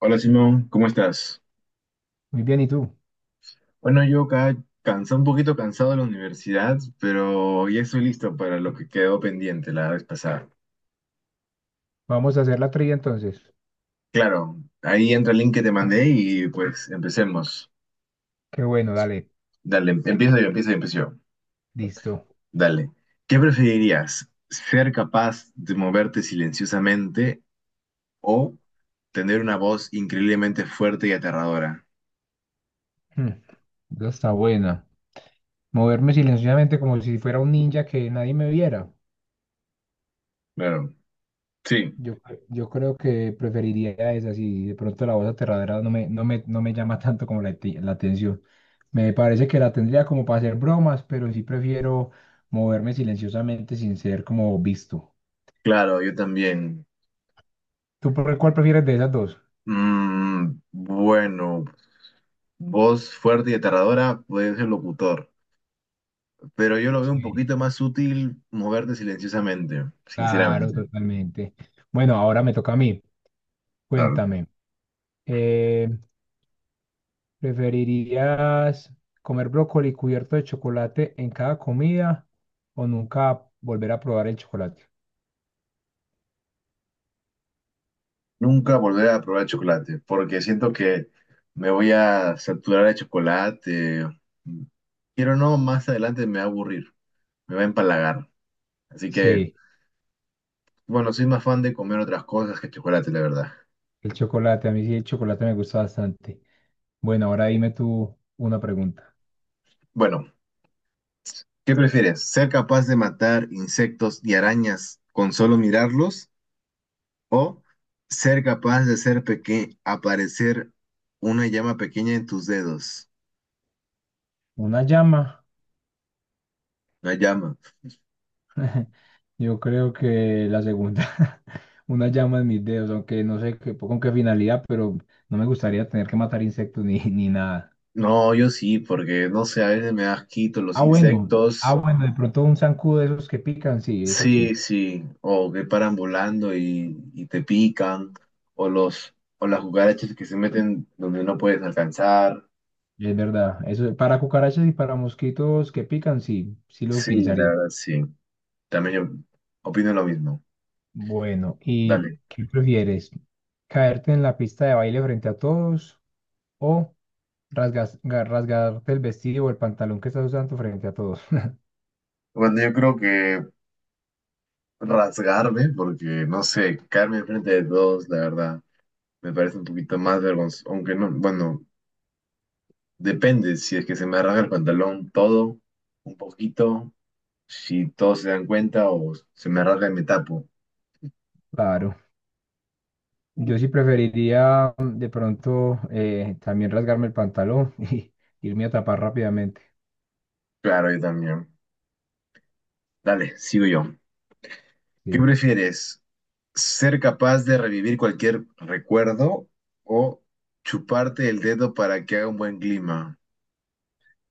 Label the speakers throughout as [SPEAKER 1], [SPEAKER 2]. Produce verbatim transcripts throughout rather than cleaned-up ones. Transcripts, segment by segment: [SPEAKER 1] Hola Simón, ¿cómo estás?
[SPEAKER 2] Muy bien, ¿y tú?
[SPEAKER 1] Bueno, yo acá cansado, un poquito cansado de la universidad, pero ya estoy listo para lo que quedó pendiente la vez pasada.
[SPEAKER 2] Vamos a hacer la trivia entonces.
[SPEAKER 1] Claro, ahí entra el link que te mandé y pues empecemos.
[SPEAKER 2] Qué bueno, dale,
[SPEAKER 1] Dale, em- empiezo yo, empiezo yo, empiezo yo.
[SPEAKER 2] listo.
[SPEAKER 1] Dale. ¿Qué preferirías? ¿Ser capaz de moverte silenciosamente o tener una voz increíblemente fuerte y aterradora?
[SPEAKER 2] Hmm, esa está buena. Moverme silenciosamente como si fuera un ninja que nadie me viera.
[SPEAKER 1] Claro, sí,
[SPEAKER 2] Yo, yo creo que preferiría esa si de pronto la voz aterradora no me, no me, no me llama tanto como la, ati- la atención. Me parece que la tendría como para hacer bromas, pero sí prefiero moverme silenciosamente sin ser como visto.
[SPEAKER 1] claro, yo también.
[SPEAKER 2] ¿Tú por cuál prefieres de esas dos?
[SPEAKER 1] Mm, bueno. Voz fuerte y aterradora, puede ser locutor, pero yo lo veo un
[SPEAKER 2] Sí.
[SPEAKER 1] poquito más útil moverte silenciosamente,
[SPEAKER 2] Claro,
[SPEAKER 1] sinceramente.
[SPEAKER 2] totalmente. Bueno, ahora me toca a mí.
[SPEAKER 1] Claro.
[SPEAKER 2] Cuéntame, eh, ¿preferirías comer brócoli cubierto de chocolate en cada comida o nunca volver a probar el chocolate?
[SPEAKER 1] Nunca volver a probar chocolate, porque siento que me voy a saturar de chocolate. Quiero no, más adelante me va a aburrir, me va a empalagar. Así que,
[SPEAKER 2] Sí,
[SPEAKER 1] bueno, soy más fan de comer otras cosas que chocolate, la verdad.
[SPEAKER 2] el chocolate, a mí sí el chocolate me gusta bastante. Bueno, ahora dime tú una pregunta.
[SPEAKER 1] Bueno, ¿qué prefieres? ¿Ser capaz de matar insectos y arañas con solo mirarlos? O ser capaz de hacer peque aparecer una llama pequeña en tus dedos.
[SPEAKER 2] ¿Una llama?
[SPEAKER 1] Una llama.
[SPEAKER 2] Yo creo que la segunda, una llama en mis dedos, aunque no sé qué- con qué finalidad, pero no me gustaría tener que matar insectos ni, ni nada.
[SPEAKER 1] No, yo sí, porque no sé, a veces me da asquito los
[SPEAKER 2] Ah, bueno, ah,
[SPEAKER 1] insectos.
[SPEAKER 2] bueno, de pronto un zancudo de esos que pican, sí, eso
[SPEAKER 1] Sí,
[SPEAKER 2] sí,
[SPEAKER 1] sí. O que paran volando y, y te pican. O los, o las cucarachas que se meten donde no puedes alcanzar.
[SPEAKER 2] es verdad. Eso, para cucarachas y para mosquitos que pican, sí, sí lo
[SPEAKER 1] Sí, la
[SPEAKER 2] utilizaría.
[SPEAKER 1] verdad, sí. También yo opino lo mismo.
[SPEAKER 2] Bueno, ¿y
[SPEAKER 1] Dale.
[SPEAKER 2] qué prefieres? ¿Caerte en la pista de baile frente a todos o rasgas- ga- rasgarte el vestido o el pantalón que estás usando frente a todos?
[SPEAKER 1] Bueno, yo creo que rasgarme, porque no sé, caerme enfrente de todos, la verdad. Me parece un poquito más vergonzoso, aunque no, bueno, depende si es que se me arranca el pantalón todo, un poquito, si todos se dan cuenta o se me arranca y me tapo.
[SPEAKER 2] Claro, yo sí preferiría mm, de pronto eh, también rasgarme el pantalón y irme a tapar rápidamente.
[SPEAKER 1] Claro, yo también. Dale, sigo yo. ¿Qué
[SPEAKER 2] Sí.
[SPEAKER 1] prefieres? ¿Ser capaz de revivir cualquier recuerdo o chuparte el dedo para que haga un buen clima?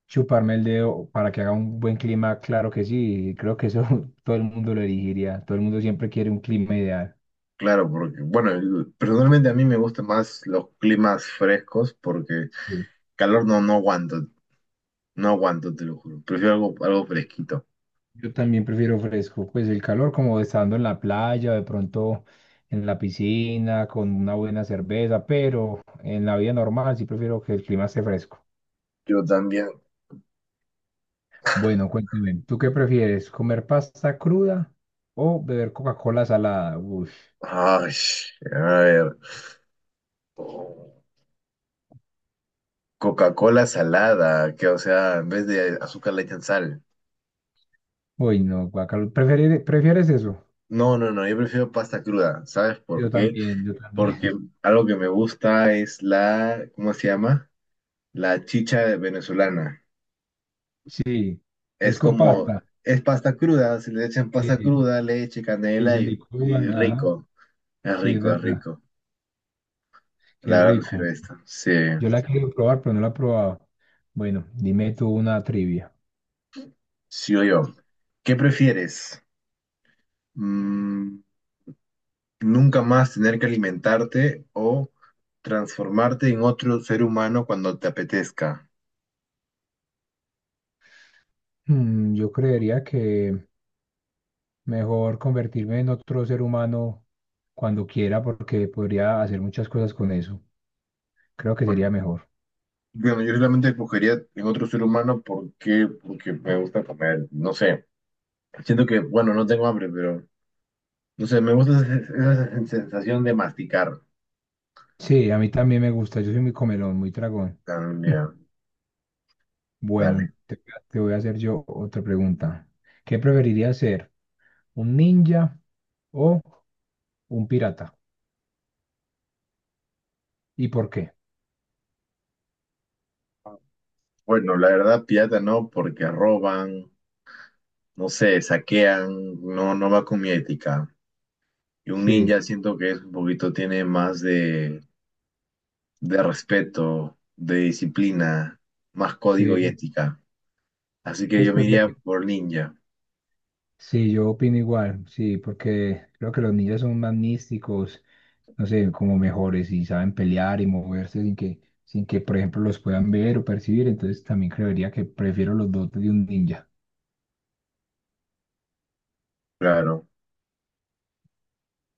[SPEAKER 2] Chuparme el dedo para que haga un buen clima, claro que sí, creo que eso todo el mundo lo elegiría, todo el mundo siempre quiere un clima ideal.
[SPEAKER 1] Claro, porque, bueno, personalmente a mí me gustan más los climas frescos porque
[SPEAKER 2] Sí.
[SPEAKER 1] calor no, no aguanto, no aguanto, te lo juro. Prefiero algo, algo fresquito.
[SPEAKER 2] Yo también prefiero fresco, pues el calor como estando en la playa, de pronto en la piscina, con una buena cerveza, pero en la vida normal sí prefiero que el clima esté fresco.
[SPEAKER 1] Yo también.
[SPEAKER 2] Bueno, cuéntame, ¿tú qué prefieres, comer pasta cruda o beber Coca-Cola salada? Uy,
[SPEAKER 1] Ay, a ver. Coca-Cola salada, que o sea, en vez de azúcar le echan sal.
[SPEAKER 2] uy, no, guacalo, ¿prefieres, prefieres eso?
[SPEAKER 1] No, no, no, yo prefiero pasta cruda. ¿Sabes
[SPEAKER 2] Yo
[SPEAKER 1] por qué?
[SPEAKER 2] también, yo también.
[SPEAKER 1] Porque algo que me gusta es la, ¿cómo se llama? La chicha venezolana.
[SPEAKER 2] Sí,
[SPEAKER 1] Es
[SPEAKER 2] es con
[SPEAKER 1] como,
[SPEAKER 2] pasta.
[SPEAKER 1] es pasta cruda, si le echan pasta
[SPEAKER 2] Sí,
[SPEAKER 1] cruda, leche,
[SPEAKER 2] sí,
[SPEAKER 1] canela
[SPEAKER 2] se
[SPEAKER 1] y, y
[SPEAKER 2] licúan, ajá.
[SPEAKER 1] rico. Es
[SPEAKER 2] Sí, es
[SPEAKER 1] rico, es
[SPEAKER 2] verdad.
[SPEAKER 1] rico.
[SPEAKER 2] Qué
[SPEAKER 1] La verdad prefiero
[SPEAKER 2] rico.
[SPEAKER 1] esto. Sí,
[SPEAKER 2] Yo la quiero probar, pero no la he probado. Bueno, dime tú una trivia.
[SPEAKER 1] sí o yo. ¿Qué prefieres? Mm, Nunca más tener que alimentarte o transformarte en otro ser humano cuando te apetezca.
[SPEAKER 2] Mm, yo creería que mejor convertirme en otro ser humano cuando quiera, porque podría hacer muchas cosas con eso. Creo que
[SPEAKER 1] Con-
[SPEAKER 2] sería mejor.
[SPEAKER 1] Bueno, yo realmente escogería en otro ser humano porque, porque me gusta comer. No sé, siento que, bueno, no tengo hambre, pero no sé, me gusta esa esa sensación de masticar.
[SPEAKER 2] Sí, a mí también me gusta. Yo soy muy comelón, muy tragón.
[SPEAKER 1] También,
[SPEAKER 2] Bueno,
[SPEAKER 1] dale.
[SPEAKER 2] te, te voy a hacer yo otra pregunta. ¿Qué preferirías ser? ¿Un ninja o un pirata? ¿Y por qué?
[SPEAKER 1] Bueno, la verdad, pirata no, porque roban, no sé, saquean, no, no va con mi ética. Y un
[SPEAKER 2] Sí,
[SPEAKER 1] ninja siento que es un poquito, tiene más de, de respeto, de disciplina, más código y
[SPEAKER 2] sí.
[SPEAKER 1] ética. Así que
[SPEAKER 2] Entonces
[SPEAKER 1] yo me iría
[SPEAKER 2] preferí.
[SPEAKER 1] por ninja,
[SPEAKER 2] Sí, yo opino igual, sí, porque creo que los ninjas son más místicos, no sé, como mejores y saben pelear y moverse sin que, sin que, por ejemplo, los puedan ver o percibir. Entonces también creería que prefiero los dotes de un ninja.
[SPEAKER 1] claro.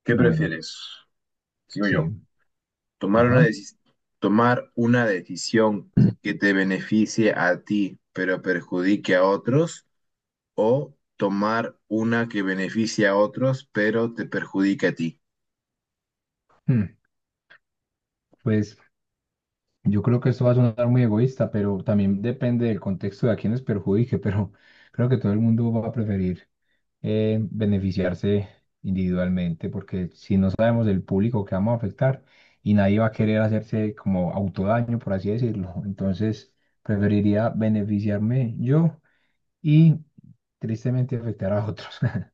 [SPEAKER 1] ¿Qué
[SPEAKER 2] Bueno,
[SPEAKER 1] prefieres? Sigo
[SPEAKER 2] sí.
[SPEAKER 1] yo. Tomar una
[SPEAKER 2] Ajá.
[SPEAKER 1] deci- tomar una decisión que te beneficie a ti, pero perjudique a otros, o tomar una que beneficie a otros, pero te perjudique a ti.
[SPEAKER 2] Hmm, pues yo creo que esto va a sonar muy egoísta, pero también depende del contexto de a quienes perjudique, pero creo que todo el mundo va a preferir eh, beneficiarse individualmente, porque si no sabemos el público que vamos a afectar y nadie va a querer hacerse como autodaño, por así decirlo, entonces preferiría beneficiarme yo y tristemente afectar a otros.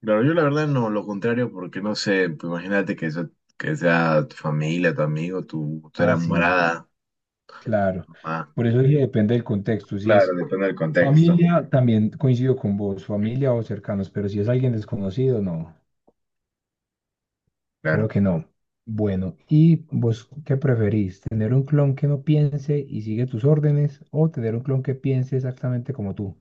[SPEAKER 1] Claro, yo la verdad no, lo contrario, porque no sé, pues imagínate que, eso- que sea tu familia, tu amigo, tu, tu
[SPEAKER 2] Ah, sí,
[SPEAKER 1] enamorada,
[SPEAKER 2] claro.
[SPEAKER 1] mamá.
[SPEAKER 2] Por eso sí depende del contexto. Si
[SPEAKER 1] Claro,
[SPEAKER 2] es
[SPEAKER 1] depende del contexto.
[SPEAKER 2] familia, también coincido con vos, familia o cercanos, pero si es alguien desconocido, no. Creo
[SPEAKER 1] Claro.
[SPEAKER 2] que no. Bueno, ¿y vos qué preferís? ¿Tener un clon que no piense y sigue tus órdenes o tener un clon que piense exactamente como tú?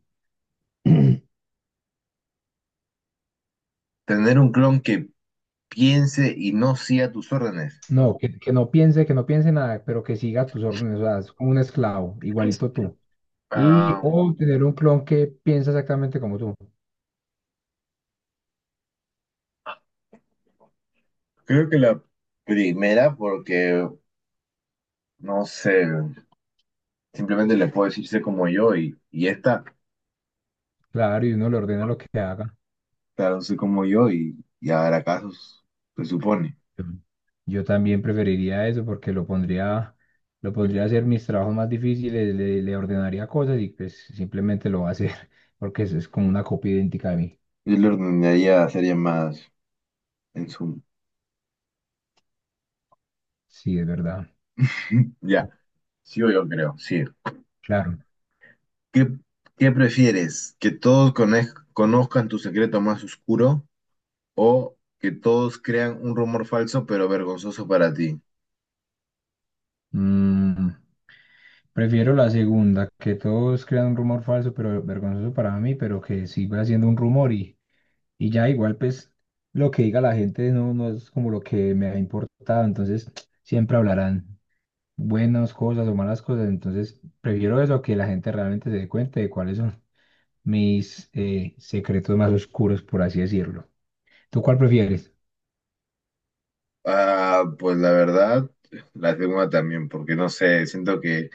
[SPEAKER 1] Tener un clon que piense y no siga tus órdenes.
[SPEAKER 2] No, que, que no piense, que no piense nada, pero que siga tus órdenes, o sea, es como un esclavo, igualito tú. Y
[SPEAKER 1] Ah,
[SPEAKER 2] o tener un clon que piensa exactamente como tú.
[SPEAKER 1] creo que la primera, porque no sé, simplemente le puedo decir sé como yo y, y esta,
[SPEAKER 2] Claro, y uno le ordena lo
[SPEAKER 1] bueno,
[SPEAKER 2] que haga.
[SPEAKER 1] claro, sé como yo y, y habrá casos, se supone.
[SPEAKER 2] Yo también preferiría eso porque lo pondría, lo pondría a hacer mis trabajos más difíciles, le, le ordenaría cosas y pues simplemente lo va a hacer porque es, es como una copia idéntica de mí.
[SPEAKER 1] Yo le ordenaría, sería más en su.
[SPEAKER 2] Sí, es verdad.
[SPEAKER 1] Ya, sí o yo creo, sí.
[SPEAKER 2] Claro.
[SPEAKER 1] ¿Qué, qué prefieres? ¿Que todos conez- conozcan tu secreto más oscuro o que todos crean un rumor falso pero vergonzoso para ti?
[SPEAKER 2] Mm, prefiero la segunda, que todos crean un rumor falso, pero vergonzoso para mí, pero que siga siendo un rumor y, y ya igual pues lo que diga la gente no, no es como lo que me ha importado, entonces siempre hablarán buenas cosas o malas cosas. Entonces, prefiero eso a que la gente realmente se dé cuenta de cuáles son mis eh, secretos más oscuros, por así decirlo. ¿Tú cuál prefieres?
[SPEAKER 1] Ah, pues la verdad, la segunda también, porque no sé, siento que,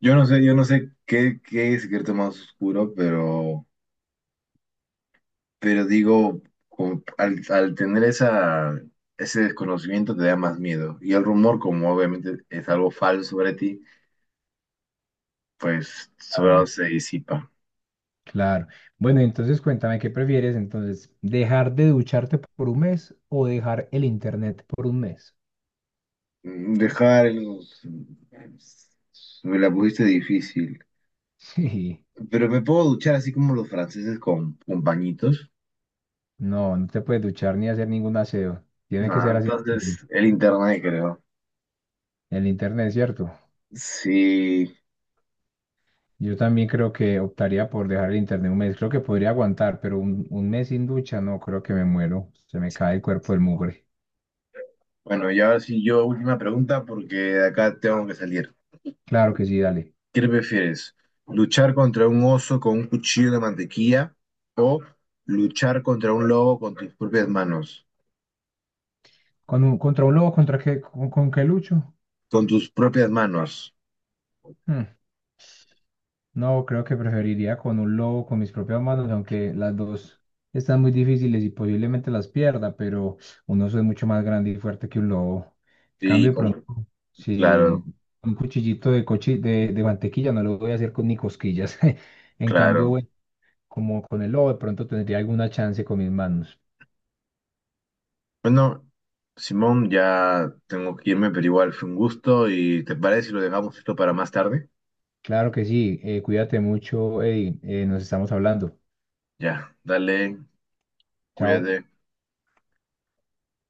[SPEAKER 1] yo no sé, yo no sé qué, qué es secreto más oscuro, pero, pero digo, como al, al tener esa, ese desconocimiento te da más miedo. Y el rumor, como obviamente es algo falso sobre ti, pues solo
[SPEAKER 2] Claro,
[SPEAKER 1] se disipa.
[SPEAKER 2] claro. Bueno, entonces cuéntame, ¿qué prefieres entonces? ¿Dejar de ducharte por un mes o dejar el internet por un mes?
[SPEAKER 1] Mm, Dejar los... pues, me la pusiste difícil.
[SPEAKER 2] Sí,
[SPEAKER 1] Pero me puedo duchar así como los franceses con, con pañitos.
[SPEAKER 2] no, no te puedes duchar ni hacer ningún aseo. Tiene que
[SPEAKER 1] Ah,
[SPEAKER 2] ser así.
[SPEAKER 1] entonces el internet creo.
[SPEAKER 2] El internet, ¿cierto?
[SPEAKER 1] Sí.
[SPEAKER 2] Yo también creo que optaría por dejar el internet un mes. Creo que podría aguantar, pero un, un mes sin ducha, no, creo que me muero. Se me cae el cuerpo del mugre.
[SPEAKER 1] Bueno, y ahora sí yo última pregunta porque de acá tengo que salir.
[SPEAKER 2] Claro que sí, dale.
[SPEAKER 1] ¿Qué prefieres? ¿Luchar contra un oso con un cuchillo de mantequilla o luchar contra un lobo con tus propias manos?
[SPEAKER 2] ¿Con un, contra un lobo? ¿Contra qué? ¿Con, con qué lucho?
[SPEAKER 1] Con tus propias manos.
[SPEAKER 2] Hmm, no, creo que preferiría con un lobo, con mis propias manos, aunque las dos están muy difíciles y posiblemente las pierda, pero un oso es mucho más grande y fuerte que un lobo. En
[SPEAKER 1] Sí,
[SPEAKER 2] cambio, de
[SPEAKER 1] con...
[SPEAKER 2] pronto, si
[SPEAKER 1] Claro,
[SPEAKER 2] un cuchillito de, cochi- de, de mantequilla no lo voy a hacer con ni cosquillas. En cambio,
[SPEAKER 1] claro.
[SPEAKER 2] bueno, como con el lobo, de pronto tendría alguna chance con mis manos.
[SPEAKER 1] Bueno, Simón, ya tengo que irme, pero igual fue un gusto y ¿te parece si lo dejamos esto para más tarde?
[SPEAKER 2] Claro que sí, eh, cuídate mucho, Eddie, eh, nos estamos hablando.
[SPEAKER 1] Ya, dale,
[SPEAKER 2] Chao.
[SPEAKER 1] cuídate.